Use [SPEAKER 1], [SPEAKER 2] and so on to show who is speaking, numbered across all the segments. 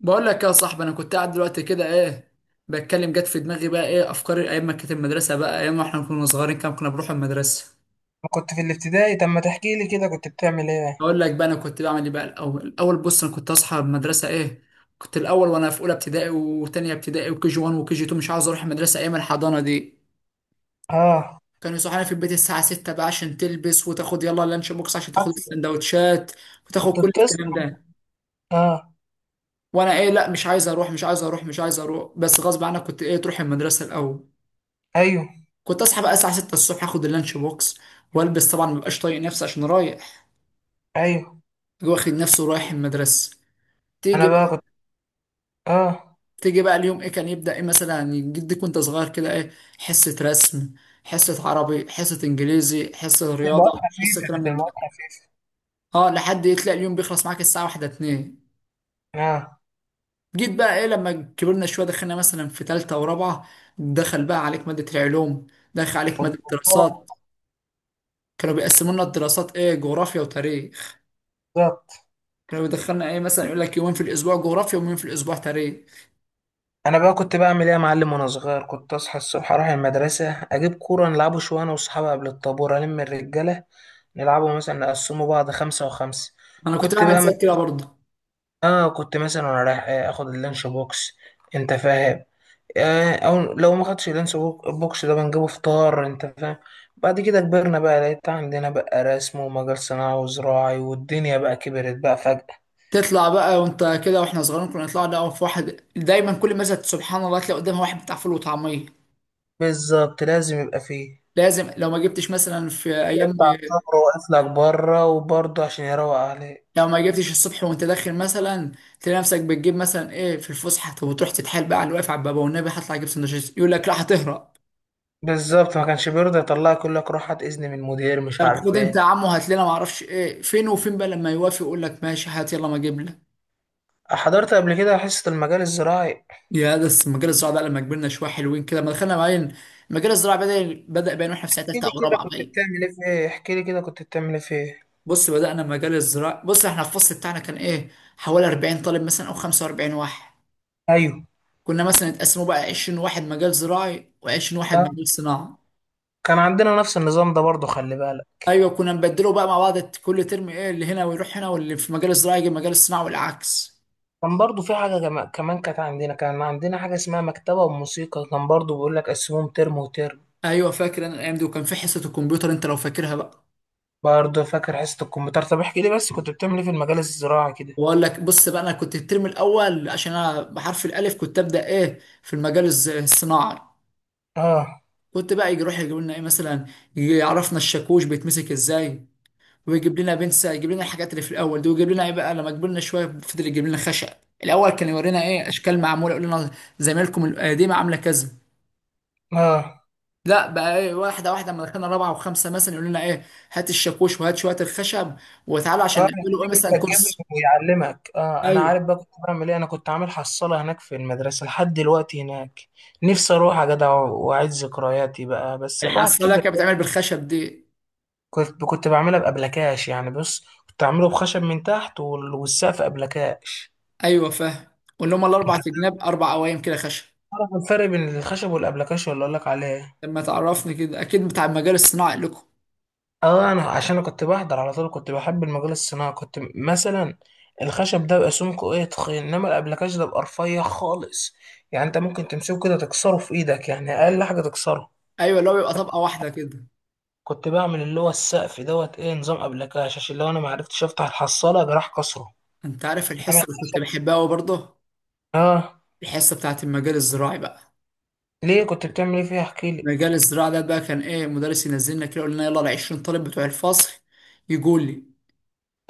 [SPEAKER 1] بقول لك يا صاحبي، انا كنت قاعد دلوقتي كده ايه، بتكلم. جت في دماغي بقى ايه، افكار ايام ما كانت المدرسه بقى، ايام ما احنا كنا صغيرين كام كنا بنروح المدرسه.
[SPEAKER 2] كنت في الابتدائي. طب ما تحكي لي كده كنت بتعمل ايه؟
[SPEAKER 1] اقول لك بقى انا كنت بعمل ايه بقى. الاول بص، انا كنت اصحى من المدرسه ايه، كنت الاول وانا في اولى ابتدائي وتانية ابتدائي وكي جي 1 وكي جي 2 مش عاوز اروح المدرسه ايام الحضانه دي.
[SPEAKER 2] اه.
[SPEAKER 1] كانوا يصحوني في البيت الساعه 6 بقى عشان تلبس وتاخد، يلا اللانش بوكس عشان تاخد
[SPEAKER 2] عارفه.
[SPEAKER 1] السندوتشات وتاخد
[SPEAKER 2] كنت
[SPEAKER 1] كل الكلام
[SPEAKER 2] بتسهر.
[SPEAKER 1] ده.
[SPEAKER 2] اه.
[SPEAKER 1] وانا ايه، لا مش عايز اروح مش عايز اروح مش عايز اروح، بس غصب عنك كنت ايه تروح المدرسه الاول.
[SPEAKER 2] ايوه.
[SPEAKER 1] كنت اصحى بقى الساعه 6 الصبح، اخد اللانش بوكس والبس، طبعا مبقاش طايق نفسي عشان رايح،
[SPEAKER 2] ايوه.
[SPEAKER 1] واخد نفسي ورايح المدرسه. تيجي
[SPEAKER 2] انا بقى
[SPEAKER 1] بقى،
[SPEAKER 2] كنت. اه.
[SPEAKER 1] تيجي بقى اليوم ايه كان يبدا، ايه مثلا جدك وانت صغير كده ايه، حصه رسم، حصه عربي، حصه انجليزي، حصه
[SPEAKER 2] كانت
[SPEAKER 1] رياضه،
[SPEAKER 2] المواد
[SPEAKER 1] حصه
[SPEAKER 2] خفيفه،
[SPEAKER 1] كلام
[SPEAKER 2] كانت
[SPEAKER 1] من ده.
[SPEAKER 2] المواد خفيفه.
[SPEAKER 1] اه، لحد ايه تلاقي اليوم بيخلص معاك الساعه 1 2.
[SPEAKER 2] اه.
[SPEAKER 1] جيت بقى ايه لما كبرنا شويه، دخلنا مثلا في ثالثه ورابعه، دخل بقى عليك ماده العلوم، دخل عليك ماده الدراسات.
[SPEAKER 2] والضباط-
[SPEAKER 1] كانوا بيقسموا لنا الدراسات ايه، جغرافيا وتاريخ.
[SPEAKER 2] بالظبط.
[SPEAKER 1] كانوا بيدخلنا ايه، مثلا يقول لك يومين في الاسبوع جغرافيا ويومين في الاسبوع تاريخ.
[SPEAKER 2] انا بقى كنت بعمل ايه يا معلم؟ وانا صغير كنت اصحى الصبح، اروح المدرسه، اجيب كوره نلعبه شويه انا واصحابي قبل الطابور الم الرجاله. نلعبه مثلا نقسمه بعض، خمسة وخمسة.
[SPEAKER 1] انا كنت
[SPEAKER 2] كنت
[SPEAKER 1] بعمل
[SPEAKER 2] بقى م...
[SPEAKER 1] زي كده برضه.
[SPEAKER 2] اه كنت مثلا وانا رايح اخد اللانش بوكس. انت فاهم؟ آه، او لو ما خدش بوكس ده بنجيبه فطار. انت فاهم؟ بعد كده كبرنا بقى، لقيت عندنا بقى رسم ومجال صناعي وزراعي، والدنيا بقى كبرت بقى فجأة.
[SPEAKER 1] تطلع بقى وانت كده، واحنا صغيرين كنا نطلع، ده في واحد دايما كل مثلا سبحان الله تلاقي قدامها واحد بتاع فول وطعميه.
[SPEAKER 2] بالظبط، لازم يبقى فيه.
[SPEAKER 1] لازم، لو ما جبتش مثلا في
[SPEAKER 2] وتلاقي
[SPEAKER 1] ايام،
[SPEAKER 2] بتاع الطابور واقف لك بره، وبرضه عشان يروق عليك.
[SPEAKER 1] لو ما جبتش الصبح وانت داخل، مثلا تلاقي نفسك بتجيب مثلا ايه في الفسحه. طب وتروح تتحايل بقى على اللي واقف على الباب، والنبي هطلع اجيب سندوتشات، يقول لك لا هتهرب.
[SPEAKER 2] بالظبط، ما كانش بيرضى يطلعك، يقول لك روح هات اذن من المدير، مش
[SPEAKER 1] طب
[SPEAKER 2] عارف
[SPEAKER 1] خد انت
[SPEAKER 2] ايه.
[SPEAKER 1] يا عمو هات لنا، ما اعرفش ايه فين وفين بقى، لما يوافق يقول لك ماشي هات، يلا ما اجيب لك.
[SPEAKER 2] آه، حضرت قبل كده حصة المجال الزراعي.
[SPEAKER 1] يا ده، بس مجال الزراعة بقى لما كبرنا شوية حلوين كده، لما دخلنا باين مجال الزراعة، بدأ باين واحنا في سنة
[SPEAKER 2] احكي
[SPEAKER 1] تالتة
[SPEAKER 2] لي
[SPEAKER 1] أو
[SPEAKER 2] كده
[SPEAKER 1] رابعة
[SPEAKER 2] كنت
[SPEAKER 1] باين.
[SPEAKER 2] بتعمل ايه في ايه؟ احكي لي كده كنت بتعمل ايه في ايه؟
[SPEAKER 1] بص، بدأنا مجال الزراعة. بص احنا الفصل بتاعنا كان ايه، حوالي 40 طالب مثلا أو 45 واحد.
[SPEAKER 2] ايوه.
[SPEAKER 1] كنا مثلا اتقسموا بقى 20 واحد مجال زراعي و20 واحد
[SPEAKER 2] آه،
[SPEAKER 1] مجال صناعة.
[SPEAKER 2] كان عندنا نفس النظام ده برضه، خلي بالك.
[SPEAKER 1] أيوة، كنا نبدله بقى مع بعض كل ترم، ايه اللي هنا ويروح هنا، واللي في مجال الزراعة يجي مجال الصناعة والعكس.
[SPEAKER 2] كان برضو في كمان، كانت عندنا، كان عندنا حاجة اسمها مكتبة وموسيقى، كان برضو بيقول لك قسموهم ترم وترم.
[SPEAKER 1] أيوة، فاكر أنا الأيام دي، وكان في حصة الكمبيوتر أنت لو فاكرها بقى.
[SPEAKER 2] برضو فاكر حصة الكمبيوتر. طب احكي لي بس كنت بتعمل ايه في المجال الزراعي كده.
[SPEAKER 1] واقول لك، بص بقى انا كنت الترم الاول عشان انا بحرف الالف، كنت ابدا ايه في الصناعي.
[SPEAKER 2] اه.
[SPEAKER 1] كنت بقى يجي، يروح يجيب لنا ايه مثلا، يجي يعرفنا الشاكوش بيتمسك ازاي، ويجيب لنا بنسة، يجيب لنا الحاجات اللي في الاول دي، ويجيب لنا ايه بقى لما كبرنا شويه، فضل يجيب لنا خشب. الاول كان يورينا ايه، اشكال معموله يقول لنا زمايلكم القديمه عامله كذا.
[SPEAKER 2] اه.
[SPEAKER 1] لا بقى ايه، واحده واحده، لما دخلنا رابعه وخمسه مثلا يقول لنا ايه، هات الشاكوش وهات شويه الخشب وتعالوا عشان
[SPEAKER 2] اه،
[SPEAKER 1] نعمله ايه،
[SPEAKER 2] يخليك انت
[SPEAKER 1] مثلا
[SPEAKER 2] تجيب
[SPEAKER 1] كرسي.
[SPEAKER 2] ويعلمك. اه انا
[SPEAKER 1] ايوه،
[SPEAKER 2] عارف بقى كنت بعمل ايه، انا كنت عامل حصالة هناك في المدرسة لحد دلوقتي هناك. نفسي اروح يا جدع واعيد ذكرياتي بقى، بس الواحد
[SPEAKER 1] الحصاله
[SPEAKER 2] كده.
[SPEAKER 1] كانت بتعمل بالخشب دي.
[SPEAKER 2] كنت بعملها بأبلكاش يعني. بص، كنت اعمله بخشب من تحت، والسقف أبلكاش.
[SPEAKER 1] ايوه فاهم، واللي هم
[SPEAKER 2] انت
[SPEAKER 1] الاربع جناب، اربع قوايم كده خشب.
[SPEAKER 2] أعرف الفرق بين الخشب والأبلكاشن اللي أقول لك عليه.
[SPEAKER 1] لما تعرفني كده اكيد بتاع المجال الصناعي لكم.
[SPEAKER 2] أه، أنا عشان أنا كنت بحضر على طول، كنت بحب المجال الصناعي. كنت مثلا الخشب ده بيبقى سمكه إيه، تخين، إنما الأبلكاش ده بيبقى رفيع خالص. يعني أنت ممكن تمسكه كده تكسره في إيدك، يعني أقل حاجة تكسره.
[SPEAKER 1] ايوه، اللي هو بيبقى طبقه واحده كده.
[SPEAKER 2] كنت بعمل اللي هو السقف دوت إيه، نظام أبلكاش، عشان لو أنا معرفتش أفتح الحصالة جراح كسره.
[SPEAKER 1] انت عارف
[SPEAKER 2] إنما
[SPEAKER 1] الحصه اللي كنت
[SPEAKER 2] الخشب.
[SPEAKER 1] بحبها قوي برضه،
[SPEAKER 2] أه.
[SPEAKER 1] الحصه بتاعت المجال الزراعي بقى.
[SPEAKER 2] ليه كنت بتعمل إيه فيها؟ احكيلي.
[SPEAKER 1] المجال الزراعي ده بقى كان ايه، مدرس ينزلنا كده يقول لنا يلا ال 20 طالب بتوع الفصل يجوا لي.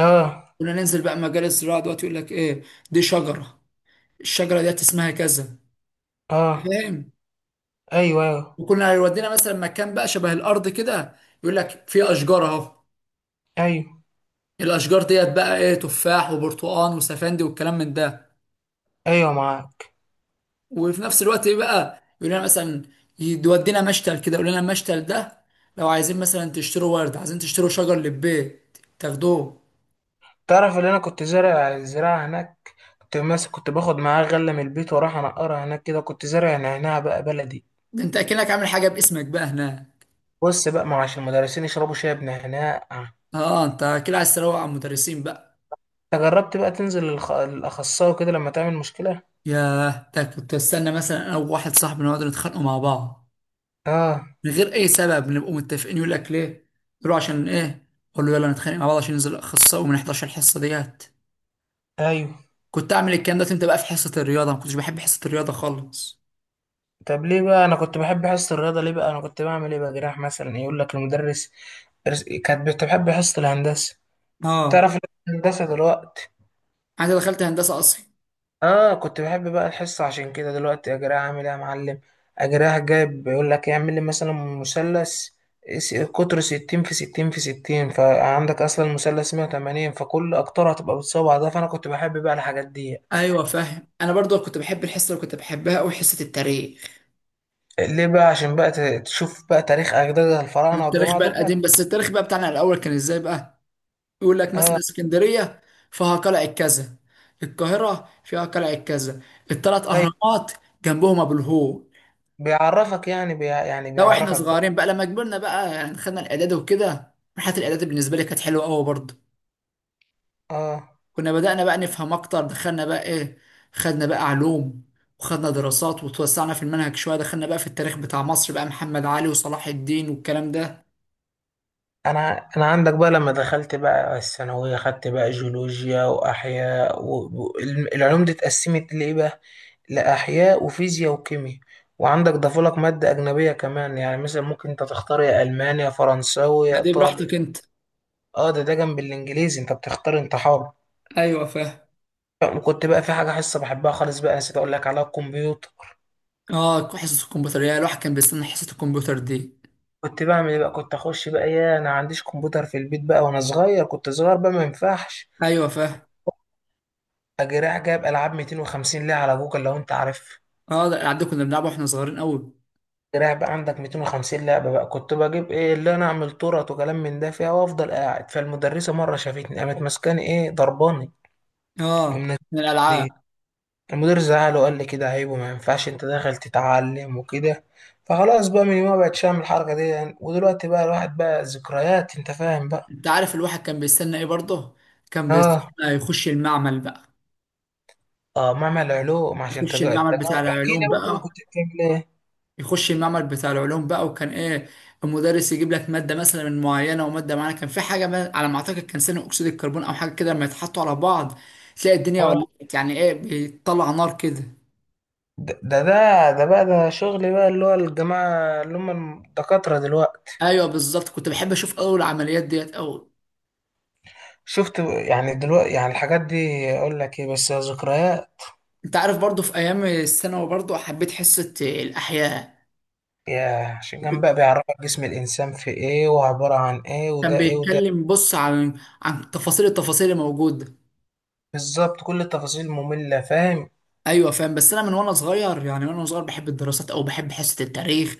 [SPEAKER 2] أه.
[SPEAKER 1] كنا ننزل بقى مجال الزراعه دلوقتي، يقول لك ايه، دي شجره، الشجره ديت اسمها كذا،
[SPEAKER 2] أه.
[SPEAKER 1] فاهم.
[SPEAKER 2] أيوه أيوه.
[SPEAKER 1] وكنا يودينا مثلا مكان بقى شبه الارض كده، يقول لك في اشجار اهو،
[SPEAKER 2] أيوه
[SPEAKER 1] الاشجار ديت بقى ايه، تفاح وبرتقال وسفندي والكلام من ده.
[SPEAKER 2] أيوه معاك.
[SPEAKER 1] وفي نفس الوقت ايه بقى يقول لنا مثلا، يودينا مشتل كده، يقول لنا المشتل ده لو عايزين مثلا تشتروا ورد، عايزين تشتروا شجر للبيت تاخدوه.
[SPEAKER 2] تعرف اللي انا كنت زارع الزراعة هناك، كنت ماسك، كنت باخد معاه غلة من البيت واروح انقرها هناك كده. كنت زارع نعناع بقى بلدي.
[SPEAKER 1] ده انت اكنك عامل حاجه باسمك بقى هنا.
[SPEAKER 2] بص بقى، ما هو عشان المدرسين يشربوا شاي بنعناع.
[SPEAKER 1] اه، انت كده عايز تروق على المدرسين بقى.
[SPEAKER 2] انت جربت بقى تنزل للاخصائي كده لما تعمل مشكلة؟
[SPEAKER 1] ياه، ده كنت استنى مثلا انا وواحد صاحبي نقعد نتخانقوا مع بعض
[SPEAKER 2] اه.
[SPEAKER 1] من غير اي سبب، نبقوا متفقين. يقول لك ليه؟ يقول له عشان ايه؟ اقول له يلا نتخانق مع بعض عشان ننزل اخصائي وما نحضرش الحصه ديت.
[SPEAKER 2] ايوه.
[SPEAKER 1] كنت اعمل الكلام ده امتى بقى، في حصه الرياضه ما كنتش بحب حصه الرياضه خالص.
[SPEAKER 2] طب ليه بقى؟ انا كنت بحب حصة الرياضة. ليه بقى؟ انا كنت بعمل ايه بقى؟ جراح مثلا يقول لك المدرس، كانت بتحب حصة الهندسة.
[SPEAKER 1] اه،
[SPEAKER 2] تعرف إن أنا هندسة دلوقتي؟
[SPEAKER 1] انا دخلت هندسه اصلا.
[SPEAKER 2] اه. كنت بحب بقى الحصة عشان كده، دلوقتي اجريها عامل ايه يا معلم. اجريها جايب، بيقول لك إيه، اعمل لي مثلا مثلث، قطره 60 في 60 في 60، فعندك اصلا المثلث 180، فكل اقطاره هتبقى بالصوابع ده. فانا كنت بحب بقى الحاجات دي.
[SPEAKER 1] ايوه فاهم، انا برضو كنت بحب الحصه اللي كنت بحبها قوي، حصه التاريخ.
[SPEAKER 2] ليه بقى؟ عشان بقى تشوف بقى تاريخ اجداد الفراعنة
[SPEAKER 1] التاريخ
[SPEAKER 2] والجماعة
[SPEAKER 1] بقى
[SPEAKER 2] دول.
[SPEAKER 1] القديم، بس التاريخ بقى بتاعنا الاول كان ازاي بقى، يقول لك مثلا
[SPEAKER 2] اه.
[SPEAKER 1] اسكندريه فيها قلعه كذا، القاهره فيها قلعه كذا، الثلاث
[SPEAKER 2] طيب.
[SPEAKER 1] اهرامات جنبهم ابو الهول.
[SPEAKER 2] بيعرفك يعني، بي يعني
[SPEAKER 1] لو احنا
[SPEAKER 2] بيعرفك بقى.
[SPEAKER 1] صغيرين بقى، لما كبرنا بقى يعني خدنا الاعداد وكده. مرحله الاعداد بالنسبه لي كانت حلوه قوي برضو.
[SPEAKER 2] اه.
[SPEAKER 1] كنا بدأنا بقى نفهم أكتر، دخلنا بقى إيه، خدنا بقى علوم وخدنا دراسات، وتوسعنا في المنهج شوية، دخلنا بقى في التاريخ بتاع مصر بقى، محمد علي وصلاح الدين والكلام ده.
[SPEAKER 2] انا عندك بقى، لما دخلت بقى الثانويه، خدت بقى جيولوجيا واحياء والعلوم دي اتقسمت لايه بقى؟ لاحياء وفيزياء وكيمياء. وعندك ضافولك ماده اجنبيه كمان، يعني مثلا ممكن انت تختار يا المانيا يا فرنساوي يا
[SPEAKER 1] لا دي
[SPEAKER 2] ايطالي.
[SPEAKER 1] براحتك أنت.
[SPEAKER 2] اه، ده ده جنب الانجليزي، انت بتختار، انت حر.
[SPEAKER 1] أيوة فاهم.
[SPEAKER 2] وكنت بقى في حاجه، حصه بحبها خالص بقى، نسيت اقول لك عليها، الكمبيوتر.
[SPEAKER 1] آه، حصة الكمبيوتر، يا الواحد كان بيستنى حصة الكمبيوتر دي.
[SPEAKER 2] كنت بعمل ايه بقى؟ كنت اخش بقى، يا انا عنديش كمبيوتر في البيت بقى وانا صغير، كنت صغير بقى ما ينفعش.
[SPEAKER 1] أيوة فاهم.
[SPEAKER 2] اجي رايح جايب العاب، 250 لعبه على جوجل لو انت عارف.
[SPEAKER 1] آه ده الألعاب دي كنا بنلعبها وإحنا صغيرين أوي.
[SPEAKER 2] أجي رايح بقى عندك 250 لعبه بقى. كنت بجيب ايه اللي انا اعمل تورت وكلام من ده فيها، وافضل قاعد فالمدرسه. مره شافتني، قامت ماسكاني ايه، ضرباني
[SPEAKER 1] آه،
[SPEAKER 2] ومن
[SPEAKER 1] من
[SPEAKER 2] البيت.
[SPEAKER 1] الألعاب.
[SPEAKER 2] المدير زعل وقال لي كده عيب وما ينفعش انت داخل تتعلم وكده. فخلاص بقى من يومها بقتش اعمل الحركه دي يعني. ودلوقتي بقى الواحد بقى ذكريات، انت فاهم بقى.
[SPEAKER 1] أنت عارف الواحد كان بيستنى إيه برضه، كان بيستنى
[SPEAKER 2] اه.
[SPEAKER 1] يخش المعمل بقى،
[SPEAKER 2] اه، معمل علوم عشان
[SPEAKER 1] يخش
[SPEAKER 2] تجار
[SPEAKER 1] المعمل بتاع
[SPEAKER 2] التجارة. احكي لي
[SPEAKER 1] العلوم
[SPEAKER 2] بقى كده
[SPEAKER 1] بقى
[SPEAKER 2] كنت بتعمل ايه.
[SPEAKER 1] يخش المعمل بتاع العلوم بقى وكان ايه، المدرس يجيب لك ماده مثلا من معينه وماده معينه، كان في حاجه ما على ما اعتقد كان ثاني اكسيد الكربون او حاجه كده، لما يتحطوا على بعض تلاقي الدنيا
[SPEAKER 2] اه.
[SPEAKER 1] ولعت، يعني ايه بيطلع نار كده.
[SPEAKER 2] ده بقى، ده شغل بقى اللي هو الجماعة اللي هم الدكاترة دلوقتي.
[SPEAKER 1] ايوه بالظبط، كنت بحب اشوف اول العمليات ديت او.
[SPEAKER 2] شفت يعني دلوقتي يعني الحاجات دي. أقول لك إيه بس، يا ذكريات.
[SPEAKER 1] انت عارف برضو في ايام الثانوي برضو حبيت حصه الاحياء.
[SPEAKER 2] يا عشان كان
[SPEAKER 1] كنت-
[SPEAKER 2] بقى بيعرفك جسم الإنسان في إيه وعبارة عن إيه
[SPEAKER 1] كان
[SPEAKER 2] وده إيه وده إيه.
[SPEAKER 1] بيتكلم بص عن تفاصيل، التفاصيل الموجوده.
[SPEAKER 2] بالظبط، كل التفاصيل، مملة، فاهم.
[SPEAKER 1] ايوه فاهم، بس انا من وانا صغير يعني، وانا صغير بحب الدراسات او بحب حصه التاريخ.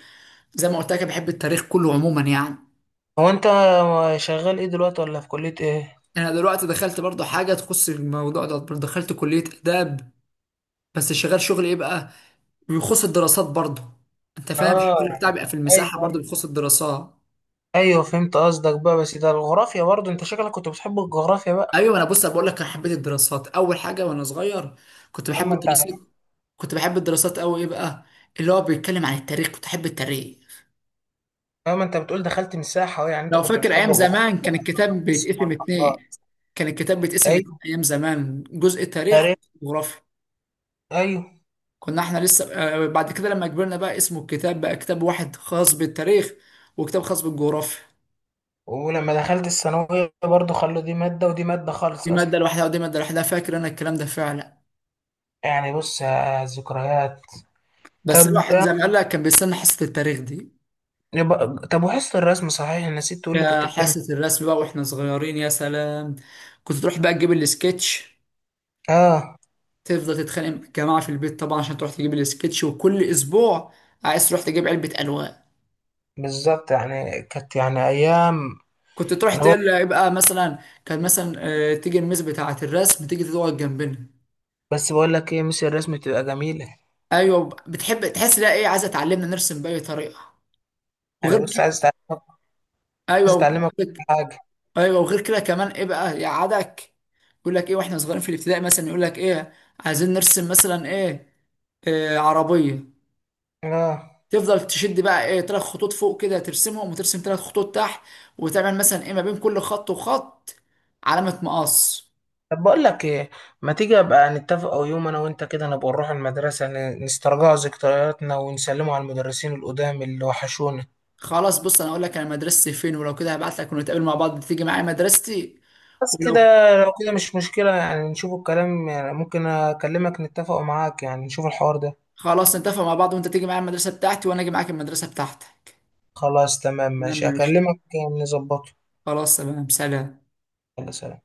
[SPEAKER 1] زي ما قلت لك بحب التاريخ كله عموما يعني.
[SPEAKER 2] هو أنت شغال إيه دلوقتي، ولا في كلية إيه؟
[SPEAKER 1] انا دلوقتي دخلت برضو حاجه تخص الموضوع ده، دخلت كليه اداب، بس شغال شغل ايه بقى بيخص الدراسات برضو. انت فاهم
[SPEAKER 2] آه
[SPEAKER 1] الشغل بتاعي
[SPEAKER 2] يعني.
[SPEAKER 1] بيبقى في المساحه،
[SPEAKER 2] أيوه
[SPEAKER 1] برضو
[SPEAKER 2] أيوه.
[SPEAKER 1] بيخص الدراسات.
[SPEAKER 2] أيوه فهمت قصدك بقى. بس ده الجغرافيا برضه، أنت شكلك كنت بتحب الجغرافيا بقى.
[SPEAKER 1] ايوه، انا بص أنا بقول لك انا حبيت الدراسات اول حاجه وانا صغير، كنت بحب
[SPEAKER 2] أما أنت.
[SPEAKER 1] الدراسات، كنت بحب الدراسات قوي ايه بقى، اللي هو بيتكلم عن التاريخ، كنت احب التاريخ.
[SPEAKER 2] اه، ما انت بتقول دخلت من الساحه أهو، يعني انت
[SPEAKER 1] لو
[SPEAKER 2] كنت
[SPEAKER 1] فاكر
[SPEAKER 2] بتحب
[SPEAKER 1] ايام
[SPEAKER 2] الجغرافيا
[SPEAKER 1] زمان كان
[SPEAKER 2] بقى. طب.
[SPEAKER 1] الكتاب
[SPEAKER 2] بس سبحان
[SPEAKER 1] بيتقسم اتنين،
[SPEAKER 2] الله.
[SPEAKER 1] كان الكتاب بيتقسم اتنين
[SPEAKER 2] ايوه.
[SPEAKER 1] ايام زمان، جزء تاريخ
[SPEAKER 2] تاريخ.
[SPEAKER 1] وجغرافيا.
[SPEAKER 2] ايوه.
[SPEAKER 1] كنا احنا لسه آه، بعد كده لما كبرنا بقى اسمه الكتاب بقى كتاب واحد خاص بالتاريخ وكتاب خاص بالجغرافيا.
[SPEAKER 2] ولما دخلت الثانويه برضو، خلوا دي ماده ودي ماده
[SPEAKER 1] دي
[SPEAKER 2] خالص اصلا.
[SPEAKER 1] مادة لوحدها ودي مادة لوحدها، فاكر انا الكلام ده فعلا.
[SPEAKER 2] يعني بص يا ذكريات.
[SPEAKER 1] بس
[SPEAKER 2] طب
[SPEAKER 1] الواحد زي ما قال لك كان بيستنى حصة التاريخ دي.
[SPEAKER 2] يبقى. طب وحصه الرسم، صحيح نسيت تقول لي
[SPEAKER 1] يا
[SPEAKER 2] كنت بتعمل.
[SPEAKER 1] حصة الرسم بقى واحنا صغيرين، يا سلام. كنت تروح بقى تجيب السكتش،
[SPEAKER 2] اه.
[SPEAKER 1] تفضل تتخانق مع الجماعة في البيت طبعا عشان تروح تجيب السكتش، وكل اسبوع عايز تروح تجيب علبة ألوان.
[SPEAKER 2] بالظبط، يعني كانت يعني ايام.
[SPEAKER 1] كنت تروح
[SPEAKER 2] انا برضو.
[SPEAKER 1] تقول له يبقى مثلا، كان مثلا آه، تيجي الميس بتاعة الرسم تيجي تقعد جنبنا.
[SPEAKER 2] بس بقول لك ايه، مش الرسم تبقى جميله.
[SPEAKER 1] ايوه، بتحب تحس لها ايه، عايزه تعلمنا نرسم باي طريقه، وغير
[SPEAKER 2] يعني بص
[SPEAKER 1] كده.
[SPEAKER 2] عايز اتعلمك.
[SPEAKER 1] ايوه،
[SPEAKER 2] عايز
[SPEAKER 1] وغير
[SPEAKER 2] اتعلمك
[SPEAKER 1] كده.
[SPEAKER 2] كل حاجه.
[SPEAKER 1] ايوه وغير كده كمان ايه بقى يقعدك، يقول لك ايه واحنا صغيرين في الابتدائي مثلا، يقول لك ايه عايزين نرسم مثلا ايه، آه عربيه.
[SPEAKER 2] اه.
[SPEAKER 1] تفضل تشد بقى ايه، ثلاث خطوط فوق كده ترسمهم، وترسم ثلاث خطوط تحت، وتعمل مثلا ايه ما بين كل خط وخط علامه مقص.
[SPEAKER 2] طب بقول لك ايه، ما تيجي ابقى نتفق، او يوم انا وانت كده نبقى نروح المدرسه نسترجع ذكرياتنا ونسلموا على المدرسين القدام اللي وحشونا.
[SPEAKER 1] خلاص بص، انا اقول لك انا مدرستي فين، ولو كده هبعت لك ونتقابل مع بعض تيجي معايا مدرستي.
[SPEAKER 2] بس كده.
[SPEAKER 1] ولو
[SPEAKER 2] لو كده مش مشكله يعني، نشوف الكلام يعني، ممكن اكلمك نتفق معاك يعني، نشوف الحوار ده.
[SPEAKER 1] خلاص نتفق مع بعض وانت تيجي معايا المدرسة بتاعتي وانا اجي معاك المدرسة بتاعتك.
[SPEAKER 2] خلاص تمام
[SPEAKER 1] تمام،
[SPEAKER 2] ماشي،
[SPEAKER 1] ماشي.
[SPEAKER 2] اكلمك. نظبطه.
[SPEAKER 1] خلاص تمام، سلام.
[SPEAKER 2] يلا سلام.